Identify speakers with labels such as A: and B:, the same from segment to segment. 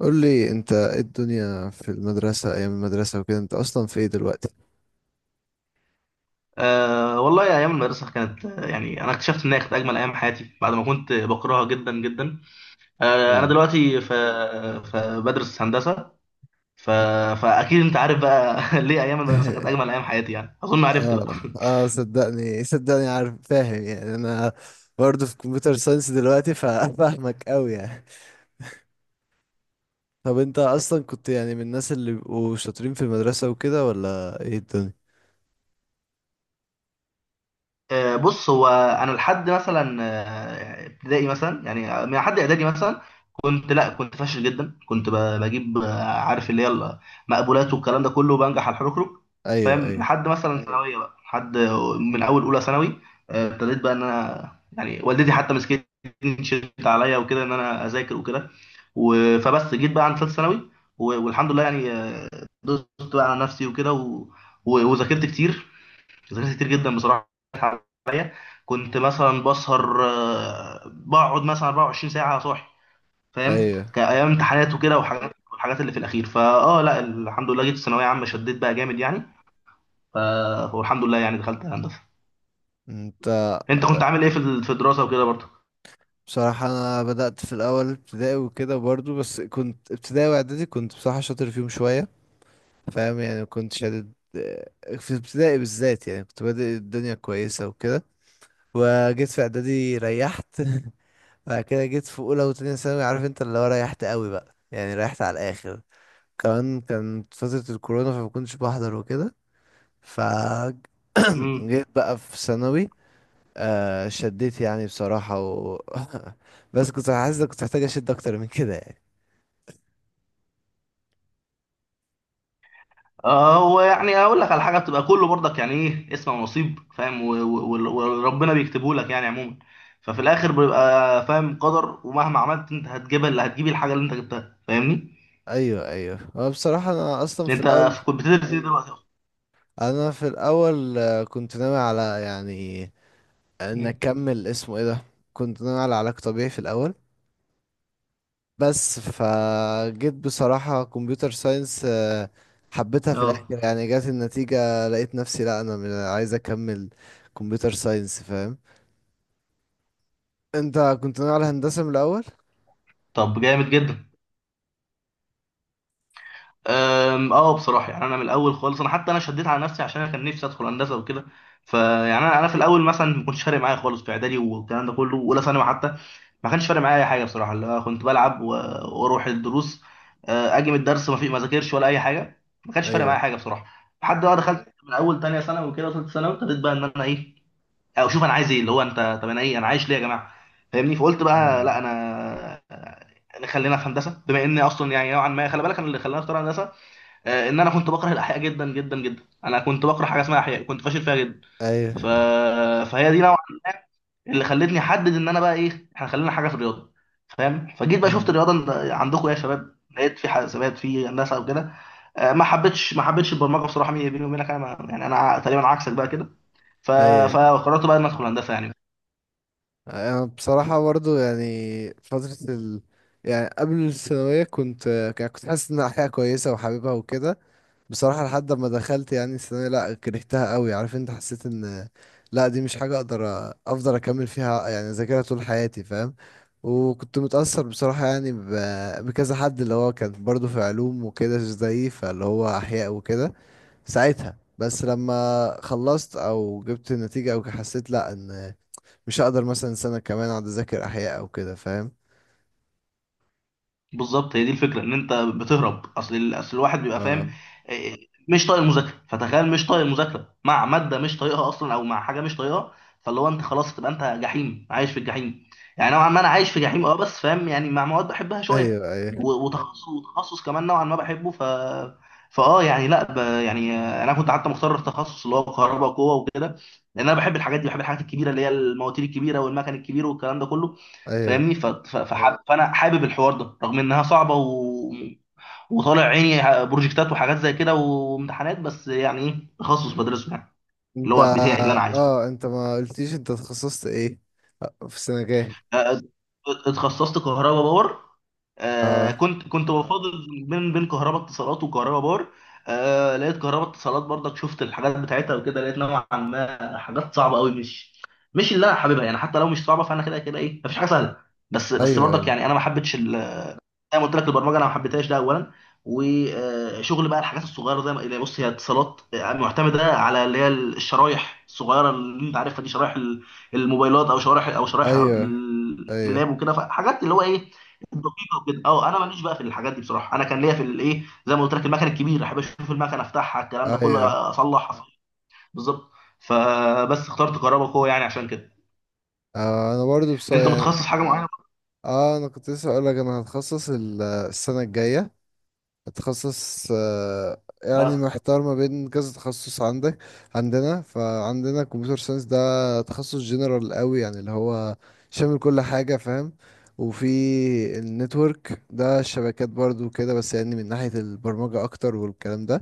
A: قول لي انت ايه الدنيا في المدرسة، ايام المدرسة وكده؟ انت اصلا في ايه دلوقتي؟
B: أه والله أيام المدرسة كانت يعني أنا اكتشفت إن هي كانت أجمل أيام حياتي بعد ما كنت بكرهها جدا جدا. أنا
A: ايه؟
B: دلوقتي فبدرس هندسة. ف... فأكيد أنت عارف بقى ليه أيام المدرسة كانت أجمل أيام حياتي، يعني أظن عرفت بقى.
A: اه، اه، صدقني صدقني عارف، فاهم يعني. انا برضه في كمبيوتر ساينس دلوقتي فاهمك قوي يعني. طب انت اصلا كنت يعني من الناس اللي بيبقوا شاطرين في المدرسة وكده، ولا ايه الدنيا؟
B: بص، هو انا لحد مثلا ابتدائي، مثلا يعني من حد اعدادي مثلا كنت، لا كنت فاشل جدا. كنت بجيب، عارف اللي هي المقبولات والكلام ده كله، بنجح على الحركرك.
A: ايوه،
B: فاهم؟
A: ايوه،
B: لحد مثلا ثانويه بقى، لحد من اول اولى ثانوي ابتديت بقى ان انا، يعني والدتي حتى مسكتني شدت عليا وكده ان انا اذاكر وكده. فبس جيت بقى عند ثالث ثانوي، والحمد لله يعني، دوست بقى على نفسي وكده وذاكرت كتير، ذاكرت كتير جدا بصراحه عليا. كنت مثلا بسهر، بقعد مثلا 24 ساعه صاحي. فاهم؟
A: ايوه.
B: كايام امتحانات وكده وحاجات، والحاجات اللي في الاخير لا الحمد لله جيت ثانويه عامه شديت بقى جامد يعني. ف- والحمد لله يعني دخلت هندسه.
A: انت
B: انت
A: آه،
B: كنت عامل ايه في في الدراسه وكده برضه؟
A: بصراحة انا بدأت في الاول ابتدائي وكده برضه، بس كنت ابتدائي واعدادي، كنت بصراحة شاطر فيهم شوية، فاهم يعني. كنت شادد في ابتدائي بالذات، يعني كنت بادئ الدنيا كويسة وكده. وجيت في اعدادي ريحت بعد كده جيت في اولى وتانية ثانوي، عارف انت اللي هو ريحت قوي بقى، يعني ريحت على الاخر. كمان كانت فترة الكورونا فما كنتش بحضر وكده. ف
B: امم.
A: جيت بقى في ثانوي. شديت يعني بصراحة و... بس كنت حاسس إن كنت محتاج اشد اكتر من كده يعني.
B: هو يعني اقول لك على حاجه بتبقى كله برضك، يعني ايه اسم ونصيب، فاهم؟ وربنا بيكتبه لك يعني عموما. ففي الاخر بيبقى فاهم قدر، ومهما عملت انت هتجيب اللي هتجيب، الحاجه اللي انت جبتها. فاهمني؟
A: ايوه، ايوه. هو بصراحة
B: انت كنت بتدرس ايه دلوقتي اصلا؟
A: انا في الاول كنت ناوي على يعني، ان
B: مم.
A: اكمل اسمه ايه ده. كنت ناوي على علاج طبيعي في الاول، بس فجيت بصراحة كمبيوتر ساينس، حبيتها في الاخر،
B: اه،
A: يعني جات النتيجة لقيت نفسي، لا انا عايز اكمل كمبيوتر ساينس فاهم. انت كنت ناوي على هندسة من الاول؟
B: طب جامد جدا. اه بصراحه يعني انا من الاول خالص. انا حتى انا شديت على نفسي عشان انا كان نفسي ادخل هندسه وكده. فيعني انا انا في الاول مثلا ما كنتش فارق معايا خالص، في اعدادي والكلام ده كله واولى ثانوي حتى ما كانش فارق معايا اي حاجه بصراحه، اللي هو كنت بلعب واروح الدروس، اجي من الدرس ما في ما ذاكرش ولا اي حاجه، ما كانش فارق معايا
A: ايوه.
B: حاجه بصراحه. لحد ما دخلت من اول تانية ثانوي وكده وثالثه ثانوي، ابتديت بقى ان انا ايه، او شوف انا عايز ايه، اللي هو انت طب انا ايه، انا عايش ليه يا جماعه. فاهمني؟ فقلت بقى لا
A: مم.
B: انا أنا خلينا في هندسه، بما اني اصلا يعني نوعا ما. خلي بالك انا اللي خلاني اختار هندسه ان انا كنت بكره الاحياء جدا جدا جدا. انا كنت بكره حاجه اسمها احياء، كنت فاشل فيها جدا.
A: ايوه.
B: ف... فهي دي نوعا ما اللي خلتني احدد ان انا بقى ايه، احنا خلينا حاجه في الرياضه. فاهم؟ فجيت بقى شفت
A: مم.
B: الرياضه عندكم إيه يا شباب، لقيت في حسابات في هندسه وكده. ما حبيتش ما حبيتش البرمجه بصراحه، بيني وبينك انا يعني انا تقريبا عكسك بقى كده. ف...
A: ايوه،
B: فقررت بقى ان ادخل هندسه يعني.
A: يعني بصراحة برضو، يعني يعني قبل الثانوية، يعني كنت حاسس إن الحياة كويسة وحاببها وكده. بصراحة لحد ما دخلت يعني الثانوية، لأ كرهتها قوي، عارف أنت، حسيت إن لأ، دي مش حاجة أقدر أفضل أكمل فيها، يعني أذاكرها طول حياتي فاهم. وكنت متأثر بصراحة يعني بكذا حد اللي هو كان برضو في علوم وكده زيي، فاللي هو أحياء وكده. ساعتها بس لما خلصت، أو جبت نتيجة، أو حسيت لأ، إن مش هقدر مثلا سنة كمان اقعد اذاكر احياء او كده فاهم.
B: بالظبط، هي دي الفكره، ان انت بتهرب. اصل اصل الواحد بيبقى
A: اه،
B: فاهم إيه، مش طايق المذاكره. فتخيل مش طايق المذاكره مع ماده مش طايقها اصلا، او مع حاجه مش طايقها. فاللي هو انت خلاص تبقى انت جحيم، عايش في الجحيم يعني. نوعا ما انا عايش في جحيم، اه، بس فاهم يعني، مع مواد بحبها شويه
A: ايوه، ايوه،
B: وتخصص، وتخصص كمان نوعا ما بحبه. ف فاه يعني لا يعني انا كنت حتى مختار التخصص اللي هو كهرباء وقوه وكده، لان انا بحب الحاجات دي، بحب الحاجات الكبيره، اللي هي المواتير الكبيره والمكن الكبير والكلام ده كله.
A: ايوه.
B: فاهمني؟ فانا حابب الحوار ده، رغم انها صعبه وطالع عيني بروجكتات وحاجات زي كده وامتحانات، بس يعني ايه تخصص بدرسه يعني، اللي
A: انت
B: هو بتاعي اللي انا عايزه.
A: اه انت ما قلتيش انت تخصصت ايه، في سنة جاية؟
B: أ- اتخصصت كهرباء باور. آه
A: اه،
B: كنت بفاضل بين كهرباء اتصالات وكهرباء باور. آه، لقيت كهرباء اتصالات برضك، شفت الحاجات بتاعتها وكده، لقيت نوعا ما حاجات صعبه قوي، مش اللي انا حاببها. يعني حتى لو مش صعبه فانا كده كده ايه، مفيش حاجه سهله. بس
A: ايوه،
B: برضك
A: ايوه،
B: يعني انا ما حبيتش، زي ما قلت لك البرمجه انا ما حبيتهاش، ده اولا. وشغل بقى الحاجات الصغيره، زي ما اللي بص هي اتصالات معتمده على اللي هي الشرايح الصغيره، اللي انت عارفها دي، شرايح الموبايلات او شرايح
A: ايوه، ايوه،
B: اللاب وكده، فحاجات اللي هو ايه دقيقه وكده. اه انا ماليش بقى في الحاجات دي بصراحه، انا كان ليا في الايه زي ما قلت لك المكن الكبير، احب اشوف المكن افتحها الكلام ده
A: ايوه.
B: كله اصلح. بالظبط. فبس اخترت كهربا قوه يعني عشان كده.
A: انا برضو بصراحة
B: انت
A: يعني،
B: متخصص حاجه معينه؟
A: اه انا كنت لسه اقول لك انا هتخصص السنة الجاية، تخصص يعني
B: اه
A: محتار ما بين كذا تخصص عندك. فعندنا كمبيوتر ساينس، ده تخصص جنرال قوي يعني، اللي هو شامل كل حاجة فاهم. وفي النتورك، ده الشبكات برضو كده، بس يعني من ناحية البرمجة أكتر والكلام ده.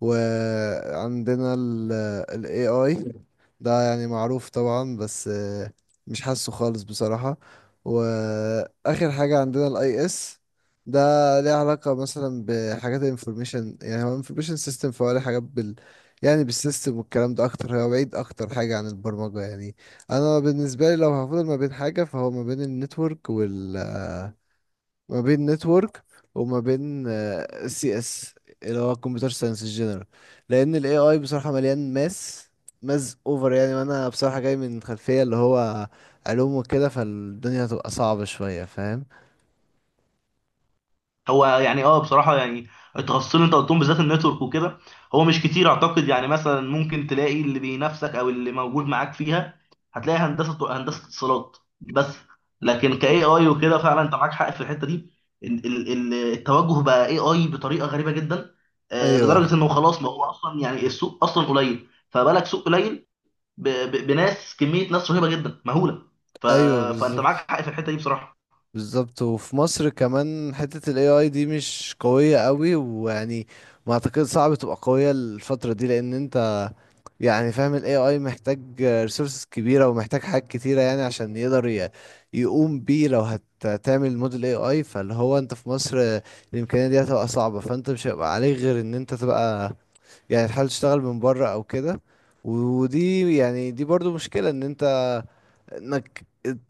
A: وعندنا ال AI، ده يعني معروف طبعا، بس مش حاسه خالص بصراحة. وآخر حاجة عندنا ال IS، ده ليه علاقة مثلا بحاجات ال information، يعني هو information system، فهو ليه حاجات يعني بالسيستم والكلام ده أكتر، هو بعيد أكتر حاجة عن البرمجة يعني. أنا بالنسبة لي لو هفضل ما بين حاجة، فهو ما بين نتورك وما بين CS، اللي هو كمبيوتر ساينس الجنرال. لان الاي اي بصراحه مليان ماس اوفر يعني. وانا بصراحه جاي من خلفيه اللي هو علوم وكده، فالدنيا هتبقى صعبه شويه فاهم.
B: هو يعني، اه بصراحه يعني، التخصصين اللي انت قلتهم بالذات النتورك وكده، هو مش كتير اعتقد يعني، مثلا ممكن تلاقي اللي بينافسك او اللي موجود معاك فيها. هتلاقي هندسه، هندسه اتصالات بس. لكن كاي اي وكده فعلا انت معاك حق في الحته دي. التوجه بقى اي اي بطريقه غريبه جدا،
A: ايوه،
B: لدرجه انه خلاص، ما هو اصلا يعني السوق اصلا قليل، فبالك سوق قليل بناس، كميه ناس رهيبه جدا مهوله. ف...
A: ايوه،
B: فانت معاك
A: بالظبط.
B: حق في الحته دي بصراحه.
A: بالظبط، وفي مصر كمان حتة ال AI دي مش قوية قوي، ويعني ما اعتقد صعب تبقى قوية الفترة دي، لان انت يعني فاهم ال AI محتاج resources كبيرة، ومحتاج حاجات كتيرة يعني عشان يقدر يقوم بيه. لو هتعمل موديل AI، فاللي هو انت في مصر الامكانية دي هتبقى صعبة، فانت مش هيبقى عليك غير ان انت تبقى يعني تحاول تشتغل من بره او كده. ودي يعني دي برضو مشكلة ان انت، انك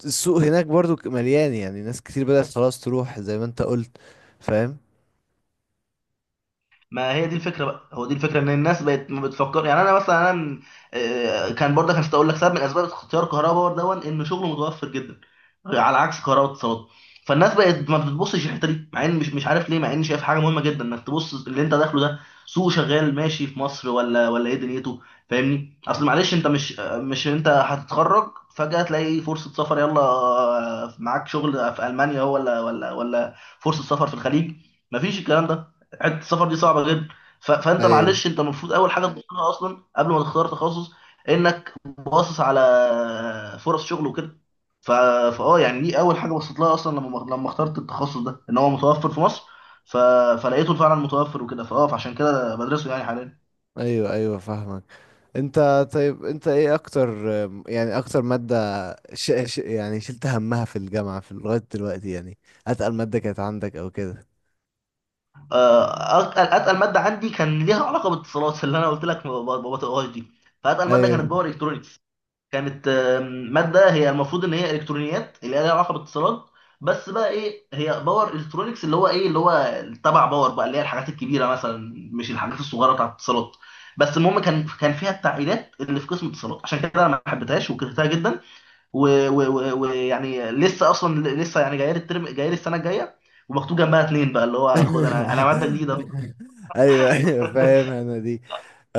A: السوق هناك برضو مليان، يعني ناس كتير بدأت خلاص تروح زي ما انت قلت فاهم.
B: ما هي دي الفكره بقى، هو دي الفكره، ان الناس بقت ما بتفكر. يعني انا مثلا انا كان برضه كان اقول لك سبب من اسباب اختيار كهرباء باور، دون ان شغله متوفر جدا على عكس كهرباء اتصالات. فالناس بقت ما بتبصش الحته دي، مع ان مش عارف ليه، مع ان شايف حاجه مهمه جدا انك تبص اللي انت داخله ده، سوق شغال ماشي في مصر ولا ولا ايه دنيته. فاهمني؟ اصل معلش، انت مش انت هتتخرج فجاه تلاقي فرصه سفر يلا، معاك شغل في المانيا، هو ولا ولا ولا فرصه سفر في الخليج. مفيش الكلام ده، حته السفر دي صعبه جدا. فانت
A: ايوه،
B: معلش انت المفروض اول حاجه تبصلها اصلا قبل ما تختار تخصص، انك باصص على فرص شغل وكده. ف... فاه يعني دي اول حاجه بصيت لها اصلا، لما اخترت التخصص ده ان هو متوفر في مصر. ف... فلقيته فعلا متوفر وكده، فاه فعشان كده بدرسه يعني حاليا.
A: ايوه، ايوه، فاهمك. طيب، انت ايه اكتر يعني، اكتر مادة يعني شلت همها في الجامعة في لغاية دلوقتي يعني، اتقل مادة كانت عندك او كده؟
B: اتقل ماده عندي كان ليها علاقه بالاتصالات، اللي انا قلت لك ما ما بطقهاش دي. فاتقل ماده كانت
A: ايوه
B: باور الكترونكس. كانت ماده هي المفروض ان هي الكترونيات اللي هي لها علاقه بالاتصالات، بس بقى ايه هي باور الكترونكس، اللي هو ايه اللي هو تبع باور بقى، اللي هي الحاجات الكبيره مثلا، مش الحاجات الصغيره بتاعت الاتصالات. بس المهم، كان فيها التعقيدات اللي في قسم الاتصالات، عشان كده انا ما حبيتهاش وكرهتها جدا. ويعني ويعني لسه اصلا، لسه يعني جايه لي الترم، جايه لي السنه الجايه، ومكتوب جنبها 2 بقى، اللي هو خد، انا انا ماده جديده.
A: ايوه، ايوه، فاهم.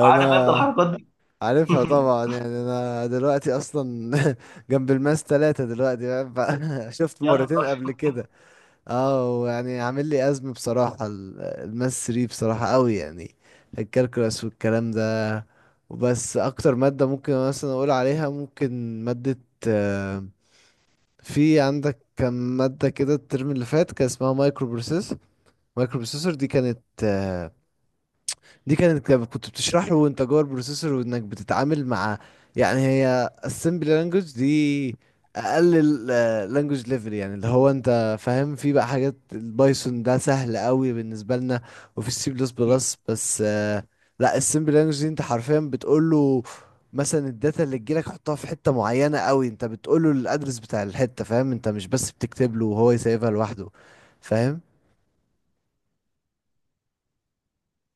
B: عارف انت الحركات دي؟
A: عارفها طبعا يعني. انا دلوقتي اصلا جنب الماس 3 دلوقتي فاهم؟ شفت
B: يا
A: مرتين
B: نهار
A: قبل كده. اه، يعني عامل لي ازمه بصراحه الماس 3 بصراحه قوي يعني، الكالكولاس والكلام ده. وبس اكتر ماده ممكن مثلا اقول عليها، ممكن ماده آه، في عندك كم ماده كده الترم اللي فات كان اسمها مايكرو بروسيسور. دي كانت آه، دي كانت كنت بتشرح له وانت جوه البروسيسور، وانك بتتعامل مع، يعني هي assembly language دي، اقل language level يعني، اللي هو انت فاهم. في بقى حاجات البايثون ده سهل قوي بالنسبه لنا، وفي السي بلس بلس، بس لا السمبل لانجوج دي انت حرفيا بتقول له مثلا الداتا اللي تجيلك حطها في حته معينه قوي، انت بتقول له الادرس بتاع الحته فاهم. انت مش بس بتكتب له وهو يسيبها لوحده فاهم.